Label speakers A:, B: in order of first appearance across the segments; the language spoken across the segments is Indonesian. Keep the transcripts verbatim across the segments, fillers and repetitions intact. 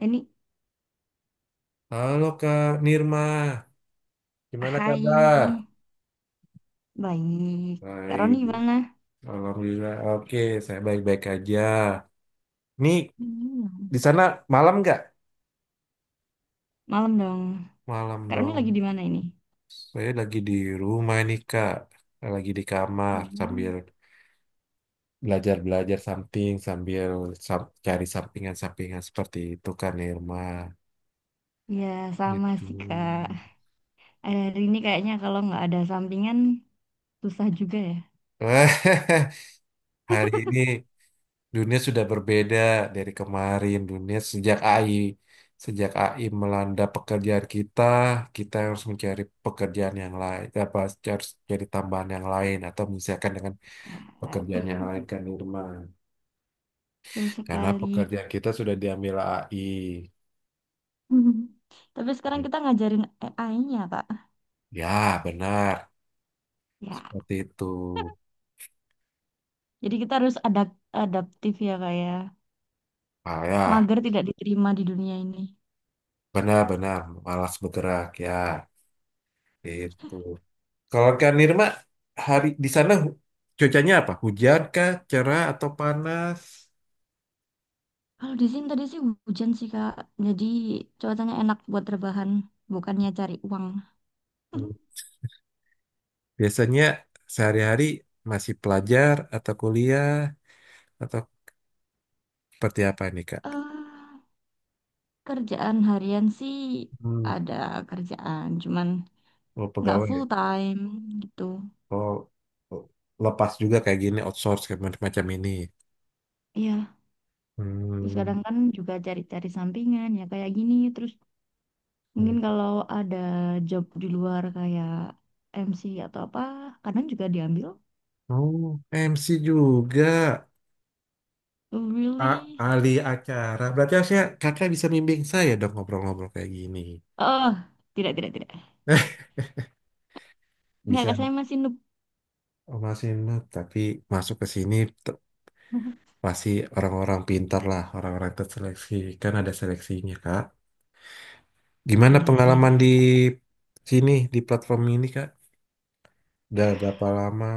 A: Ini,
B: Halo Kak Nirma, gimana kabar?
A: hai, baik. Kak
B: Baik,
A: Roni gimana?
B: Alhamdulillah. Oke, saya baik-baik aja. Nih,
A: Hmm.
B: di sana malam nggak?
A: Malam dong.
B: Malam
A: Kak Roni lagi
B: dong.
A: di mana ini?
B: Saya lagi di rumah nih Kak, lagi di kamar sambil
A: Hmm.
B: belajar-belajar something, sambil sam- cari sampingan-sampingan seperti itu Kak Nirma.
A: Ya, sama
B: Gitu.
A: sih Kak. Hari ini kayaknya kalau nggak ada sampingan, susah juga ya.
B: Hari ini. Dunia sudah berbeda dari kemarin. Dunia sejak A I, sejak A I melanda pekerjaan kita, kita harus mencari pekerjaan yang lain, apa harus cari tambahan yang lain, atau misalkan dengan
A: Ya,
B: pekerjaan yang lain kan Irma.
A: betul
B: Karena
A: sekali.
B: pekerjaan kita sudah diambil A I.
A: Mhm. Tapi sekarang kita ngajarin A I-nya, Kak.
B: Ya, benar.
A: Ya,
B: Seperti itu.
A: jadi kita harus adapt adaptif ya, Kak ya.
B: Ah, ya,
A: Mager tidak diterima di dunia ini.
B: benar-benar malas bergerak ya. Itu. Kalau Kak Nirma, hari di sana hu- cuacanya apa? Hujan kah, cerah atau panas?
A: Kalau di sini tadi sih hujan sih Kak, jadi cuacanya enak buat rebahan, bukannya cari uang.
B: Hmm. Biasanya sehari-hari masih pelajar atau kuliah atau seperti apa nih Kak?
A: eh Kerjaan harian sih
B: Hmm.
A: ada kerjaan, cuman
B: Oh,
A: nggak
B: pegawai,
A: full
B: ya?
A: time gitu.
B: Oh, oh, lepas juga kayak gini outsource kayak macam macam ini.
A: Iya, terus
B: Hmm.
A: kadang kan juga cari-cari sampingan ya kayak gini. Terus
B: Hmm.
A: mungkin kalau ada job di luar kayak M C atau apa, kadang juga diambil.
B: Oh, M C juga.
A: Oh,
B: A-
A: really?
B: ahli acara. Berarti harusnya kakak bisa bimbing saya dong ngobrol-ngobrol kayak gini.
A: Oh, tidak, tidak, tidak. Nggak, Kak,
B: Bisa.
A: saya masih noob.
B: Oh, masih not, tapi masuk ke sini te- pasti orang-orang pintar lah, orang-orang terseleksi. Kan ada seleksinya, Kak. Gimana
A: Ya, iya
B: pengalaman di
A: sih.
B: sini, di platform ini, Kak? Udah berapa lama?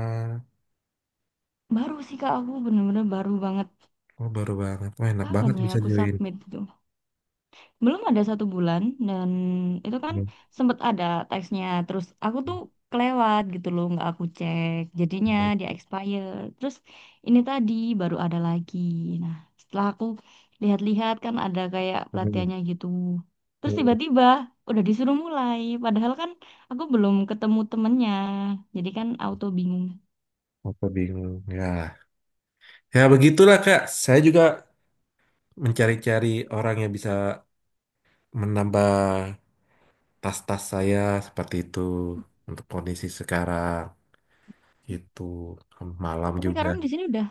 A: Baru sih Kak, aku bener-bener baru banget.
B: Oh, baru banget. Wah, enak
A: Kapan
B: banget
A: ya
B: bisa
A: aku
B: join.
A: submit itu? Belum ada satu bulan dan itu kan
B: Hmm,
A: sempet ada teksnya. Terus aku tuh kelewat gitu loh, nggak aku cek. Jadinya
B: hmm,
A: dia expire. Terus ini tadi baru ada lagi. Nah, setelah aku lihat-lihat kan ada kayak
B: hmm,
A: pelatihannya gitu. Terus
B: hmm.
A: tiba-tiba udah disuruh mulai. Padahal kan aku belum ketemu temennya. Jadi kan auto bingung.
B: Aku bingung. Ya, ya begitulah, Kak. Saya juga mencari-cari orang yang bisa menambah tas-tas saya seperti itu untuk kondisi sekarang. Itu. Malam
A: Tapi
B: juga.
A: karena di sini udah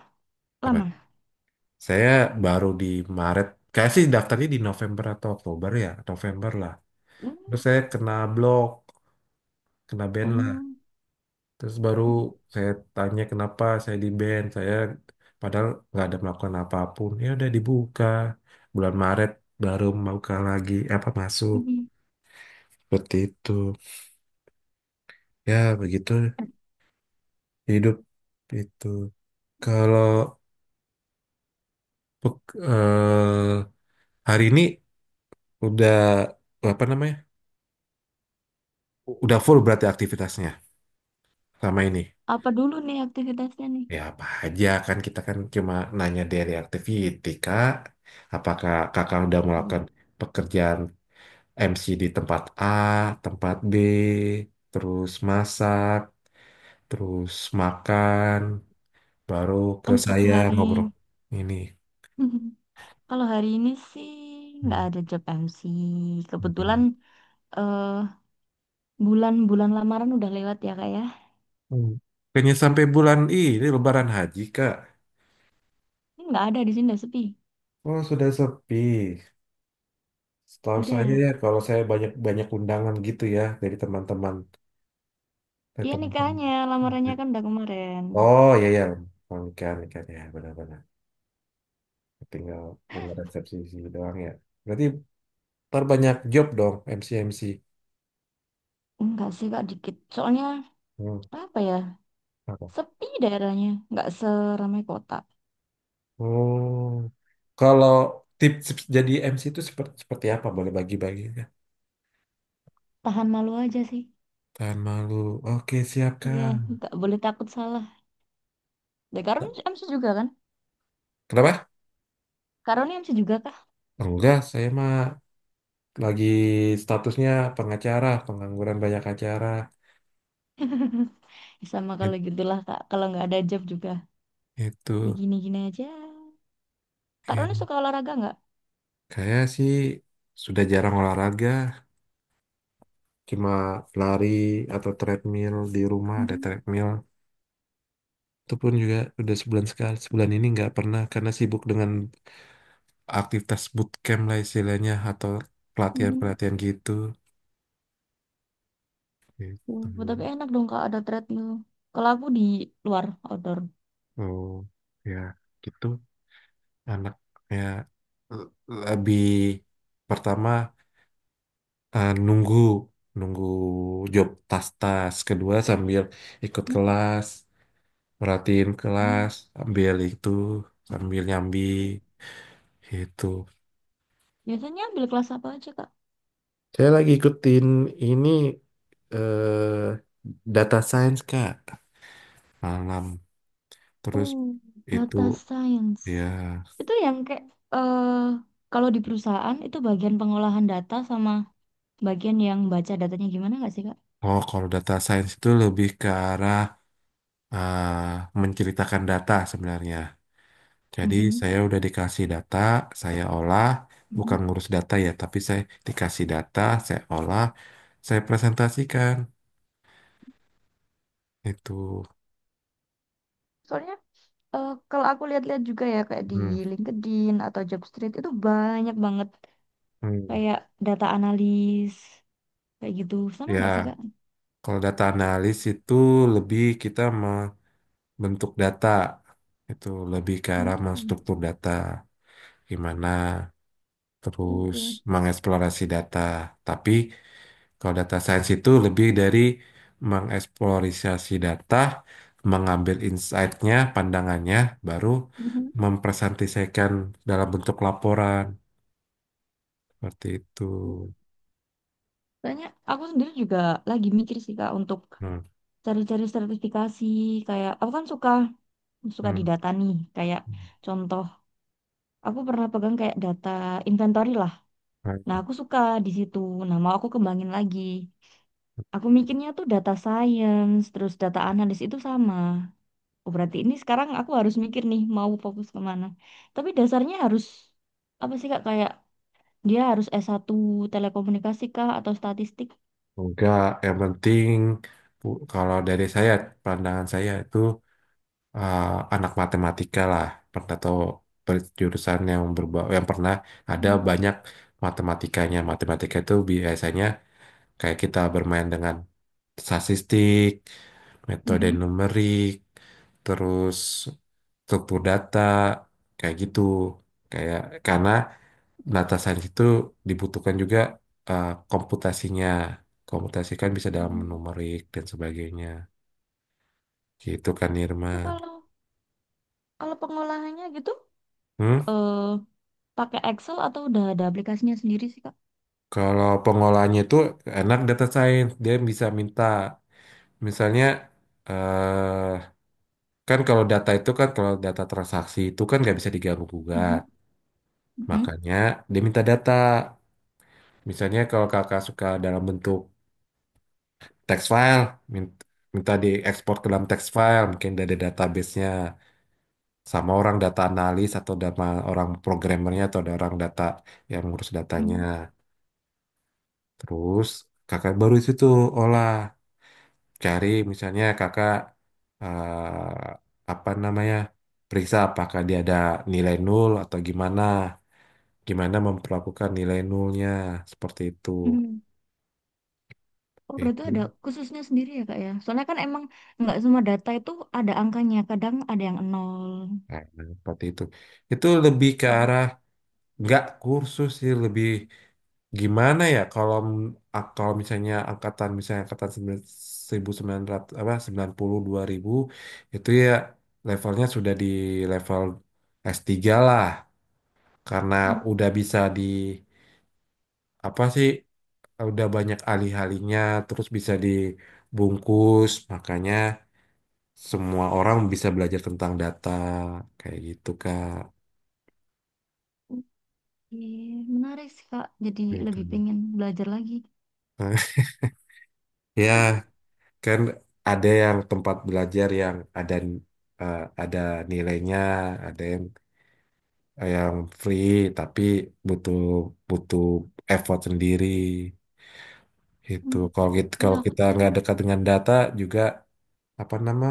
B: Apa?
A: lama.
B: Saya baru di Maret. Kayak sih daftarnya di November atau Oktober ya. November lah. Terus
A: Hmm.
B: saya kena blok. Kena ban lah.
A: Oh.
B: Terus baru saya tanya kenapa saya di ban. Saya padahal nggak ada melakukan apapun. Ya udah dibuka. Bulan Maret baru buka lagi. Eh, apa masuk.
A: Mhm.
B: Seperti itu. Ya begitu
A: Eh,
B: hidup itu. Kalau pek- eh, hari ini udah apa namanya, udah full berarti aktivitasnya selama ini.
A: Apa dulu nih aktivitasnya nih?
B: Ya apa aja kan kita kan cuma nanya dari activity kak. Apakah kakak udah
A: Iya.
B: melakukan pekerjaan M C di tempat A, tempat B, terus masak, terus makan, baru ke
A: Untuk
B: saya
A: hari
B: ngobrol ini.
A: kalau hari ini sih
B: Hmm.
A: nggak ada job M C.
B: Hmm.
A: Kebetulan eh bulan-bulan lamaran udah lewat ya kak ya.
B: Hmm. Kayaknya sampai bulan ini Lebaran Haji kak.
A: Ini nggak ada, di sini udah sepi.
B: Oh sudah sepi. Setahu saya ya
A: Udah.
B: kalau saya banyak banyak undangan gitu ya dari teman-teman. Ke
A: Iya nikahnya,
B: teman-teman.
A: lamarannya kan udah kemarin.
B: Oh iya ya, ikan ikan ya benar-benar. Tinggal dengan resepsi si doang ya. Berarti terbanyak job dong M C M C.
A: Enggak sih kak dikit. Soalnya
B: Hmm,
A: apa ya?
B: apa?
A: Sepi daerahnya. Nggak seramai kota.
B: Oh, kalau tips jadi M C itu seperti seperti apa? Boleh bagi-bagi ya.
A: Tahan malu aja sih.
B: Tahan malu. Oke siap
A: Iya,
B: Kang.
A: nggak boleh takut salah. Ya Karun M C juga kan?
B: Kenapa?
A: Karun M C juga kah?
B: Enggak, saya mah lagi statusnya pengacara, pengangguran banyak acara.
A: Sama
B: It-
A: kalau gitulah kak, kalau nggak ada job juga ya
B: Itu.
A: gini-gini aja. Kak
B: Ya.
A: Roni suka olahraga nggak?
B: Kayak sih sudah jarang olahraga, cuma lari atau treadmill. Di rumah ada
A: Mhm,
B: treadmill, itu pun juga udah sebulan sekali. Sebulan ini nggak pernah karena sibuk dengan aktivitas bootcamp lah istilahnya, atau pelatihan
A: mhm.
B: pelatihan gitu gitu.
A: Oh, tapi enak dong kak ada treadmill, kalau aku di luar outdoor.
B: Oh ya gitu anak ya, l- lebih pertama, eh, nunggu nunggu job tas-tas kedua sambil ikut
A: Hmm?
B: kelas, merhatiin
A: Hmm.
B: kelas, ambil itu sambil nyambi itu.
A: Biasanya ambil kelas apa aja kak?
B: Saya lagi ikutin ini eh data science Kak malam. Terus
A: Oh,
B: itu
A: data science.
B: ya.
A: Itu yang kayak eh kalau di perusahaan itu bagian pengolahan data sama bagian yang baca datanya gimana nggak sih kak?
B: Oh kalau data science itu lebih ke arah eh, menceritakan data sebenarnya. Jadi
A: Mhm,
B: saya udah dikasih data, saya olah,
A: mhm.
B: bukan ngurus data ya, tapi saya dikasih data, saya olah, saya presentasikan itu.
A: Soalnya eh, kalau aku lihat-lihat juga ya kayak di
B: Hmm.
A: LinkedIn atau Jobstreet itu banyak banget
B: Hmm.
A: kayak data analis kayak gitu sama nggak sih
B: Ya,
A: kak?
B: kalau data analis itu lebih kita bentuk data, itu lebih ke arah
A: Oh,
B: menstruktur data gimana, terus
A: gitu.
B: mengeksplorasi data, tapi kalau data science itu lebih dari mengeksplorasi data, mengambil insight-nya, pandangannya, baru
A: Mhm.
B: mempresentasikan dalam bentuk laporan seperti itu.
A: Soalnya aku sendiri juga lagi mikir sih kak untuk
B: Hmm,
A: cari-cari sertifikasi, kayak aku kan suka suka di
B: hmm.
A: data nih, kayak
B: Hmm.
A: contoh aku pernah pegang kayak data inventory lah. Nah aku suka di situ. Nah mau aku kembangin lagi. Aku mikirnya tuh data science terus data analis itu sama. Oh, berarti ini sekarang aku harus mikir nih mau fokus kemana. Tapi dasarnya harus apa sih kak, kayak dia harus s satu telekomunikasi kah atau statistik?
B: Enggak, yang penting bu- kalau dari saya pandangan saya itu, eh, anak matematika lah, pernah atau ber- jurusan yang berba yang pernah ada
A: Hmm.
B: banyak matematikanya. Matematika itu biasanya kayak kita bermain dengan statistik, metode
A: Mhm.
B: numerik, terus struktur data kayak gitu, kayak karena data science itu dibutuhkan juga eh, komputasinya. Komputasi kan bisa dalam
A: Hmm.
B: numerik dan sebagainya, gitu kan
A: Itu
B: Irman.
A: kalau kalau pengolahannya gitu.
B: Hmm?
A: Eh, Pakai Excel atau udah ada aplikasinya sendiri sih, Kak?
B: Kalau pengolahnya itu anak data science, dia bisa minta, misalnya, eh kan kalau data itu kan, kalau data transaksi itu kan nggak bisa diganggu
A: Mhm.
B: gugat.
A: Mhm.
B: Makanya dia minta data. Misalnya kalau kakak suka dalam bentuk text file, min- minta diekspor ke dalam text file, mungkin dari database-nya sama orang data analis atau sama orang programmernya atau ada orang data yang ngurus datanya.
A: Mhm.
B: Terus kakak baru itu tuh olah. Cari misalnya kakak eh, apa namanya, periksa apakah dia ada nilai nol atau gimana gimana memperlakukan nilai nolnya seperti itu
A: Mhm. Oh, berarti
B: itu.
A: ada khususnya sendiri ya, Kak ya? Soalnya kan emang nggak semua data itu ada angkanya. Kadang ada yang nol.
B: Nah, seperti itu itu lebih ke
A: Mhm.
B: arah nggak kursus sih, lebih gimana ya kalau m- kalau misalnya angkatan misalnya angkatan seribu sembilan ratus apa sembilan puluh dua ribu itu ya, levelnya sudah di level s tiga lah, karena udah bisa di apa sih, udah banyak alih-alihnya, terus bisa dibungkus, makanya semua orang bisa belajar tentang data kayak gitu Kak.
A: Oke, menarik sih, Kak. Jadi
B: Gitu.
A: lebih pengen belajar lagi.
B: Ya kan, ada yang tempat belajar yang ada eh, ada nilainya, ada yang yang free tapi butuh butuh effort sendiri. Itu
A: Mhm.
B: kalau kita
A: Ya
B: kalau
A: aku
B: kita
A: tadi.
B: nggak dekat dengan data juga apa nama,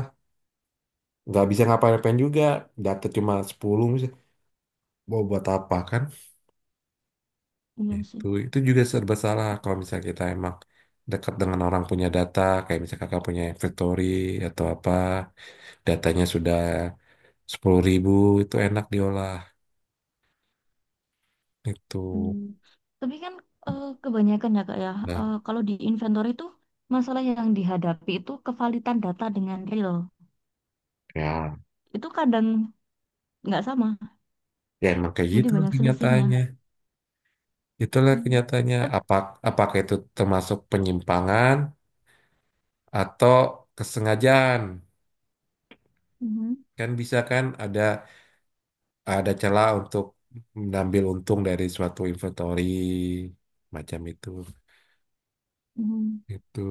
B: nggak bisa ngapain-ngapain juga data cuma sepuluh misalnya mau buat apa kan.
A: Iya sih.
B: Itu itu juga serba salah kalau misalnya kita emang dekat dengan orang punya data, kayak misalnya kakak punya inventory atau apa datanya sudah sepuluh ribu itu enak diolah itu.
A: Hmm, tapi kan eh, kebanyakan ya Kak ya,
B: Nah
A: eh, kalau di inventory itu masalah yang dihadapi itu kevalitan data dengan real.
B: ya,
A: Itu kadang nggak sama,
B: ya emang kayak
A: jadi
B: gitu lah
A: banyak selisihnya.
B: kenyataannya. Itulah
A: Hmm.
B: kenyataannya.
A: Tapi,
B: Apa apakah itu termasuk penyimpangan atau kesengajaan,
A: mhm,
B: kan bisa kan, ada ada celah untuk mengambil untung dari suatu inventory macam itu
A: mhm.
B: itu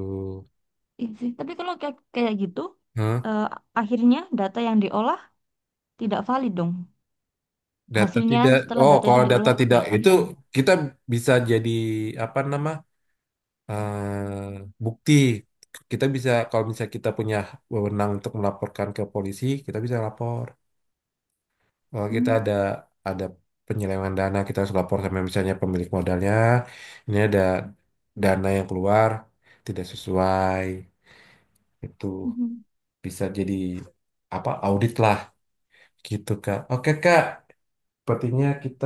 A: Iya sih. Tapi kalau kayak, kayak gitu,
B: Hah?
A: eh, akhirnya data yang diolah tidak valid dong.
B: Data
A: Hasilnya
B: tidak
A: setelah
B: oh
A: data itu
B: kalau data
A: diolah kan
B: tidak
A: nggak
B: itu
A: valid dong.
B: kita bisa jadi apa nama, eh, bukti. Kita bisa kalau misalnya kita punya wewenang untuk melaporkan ke polisi kita bisa lapor, kalau kita
A: Hmm.
B: ada ada penyelewengan dana, kita harus lapor sama misalnya pemilik modalnya, ini ada dana yang keluar tidak sesuai itu,
A: Mhm.
B: bisa jadi apa audit lah gitu kak. Oke kak sepertinya kita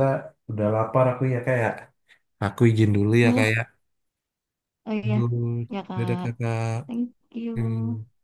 B: udah lapar aku ya kayak, aku izin dulu ya
A: Duh,
B: kayak.
A: oh iya,
B: Aduh,
A: ya
B: dadah
A: Kak.
B: kakak.
A: Thank
B: Hmm.
A: you.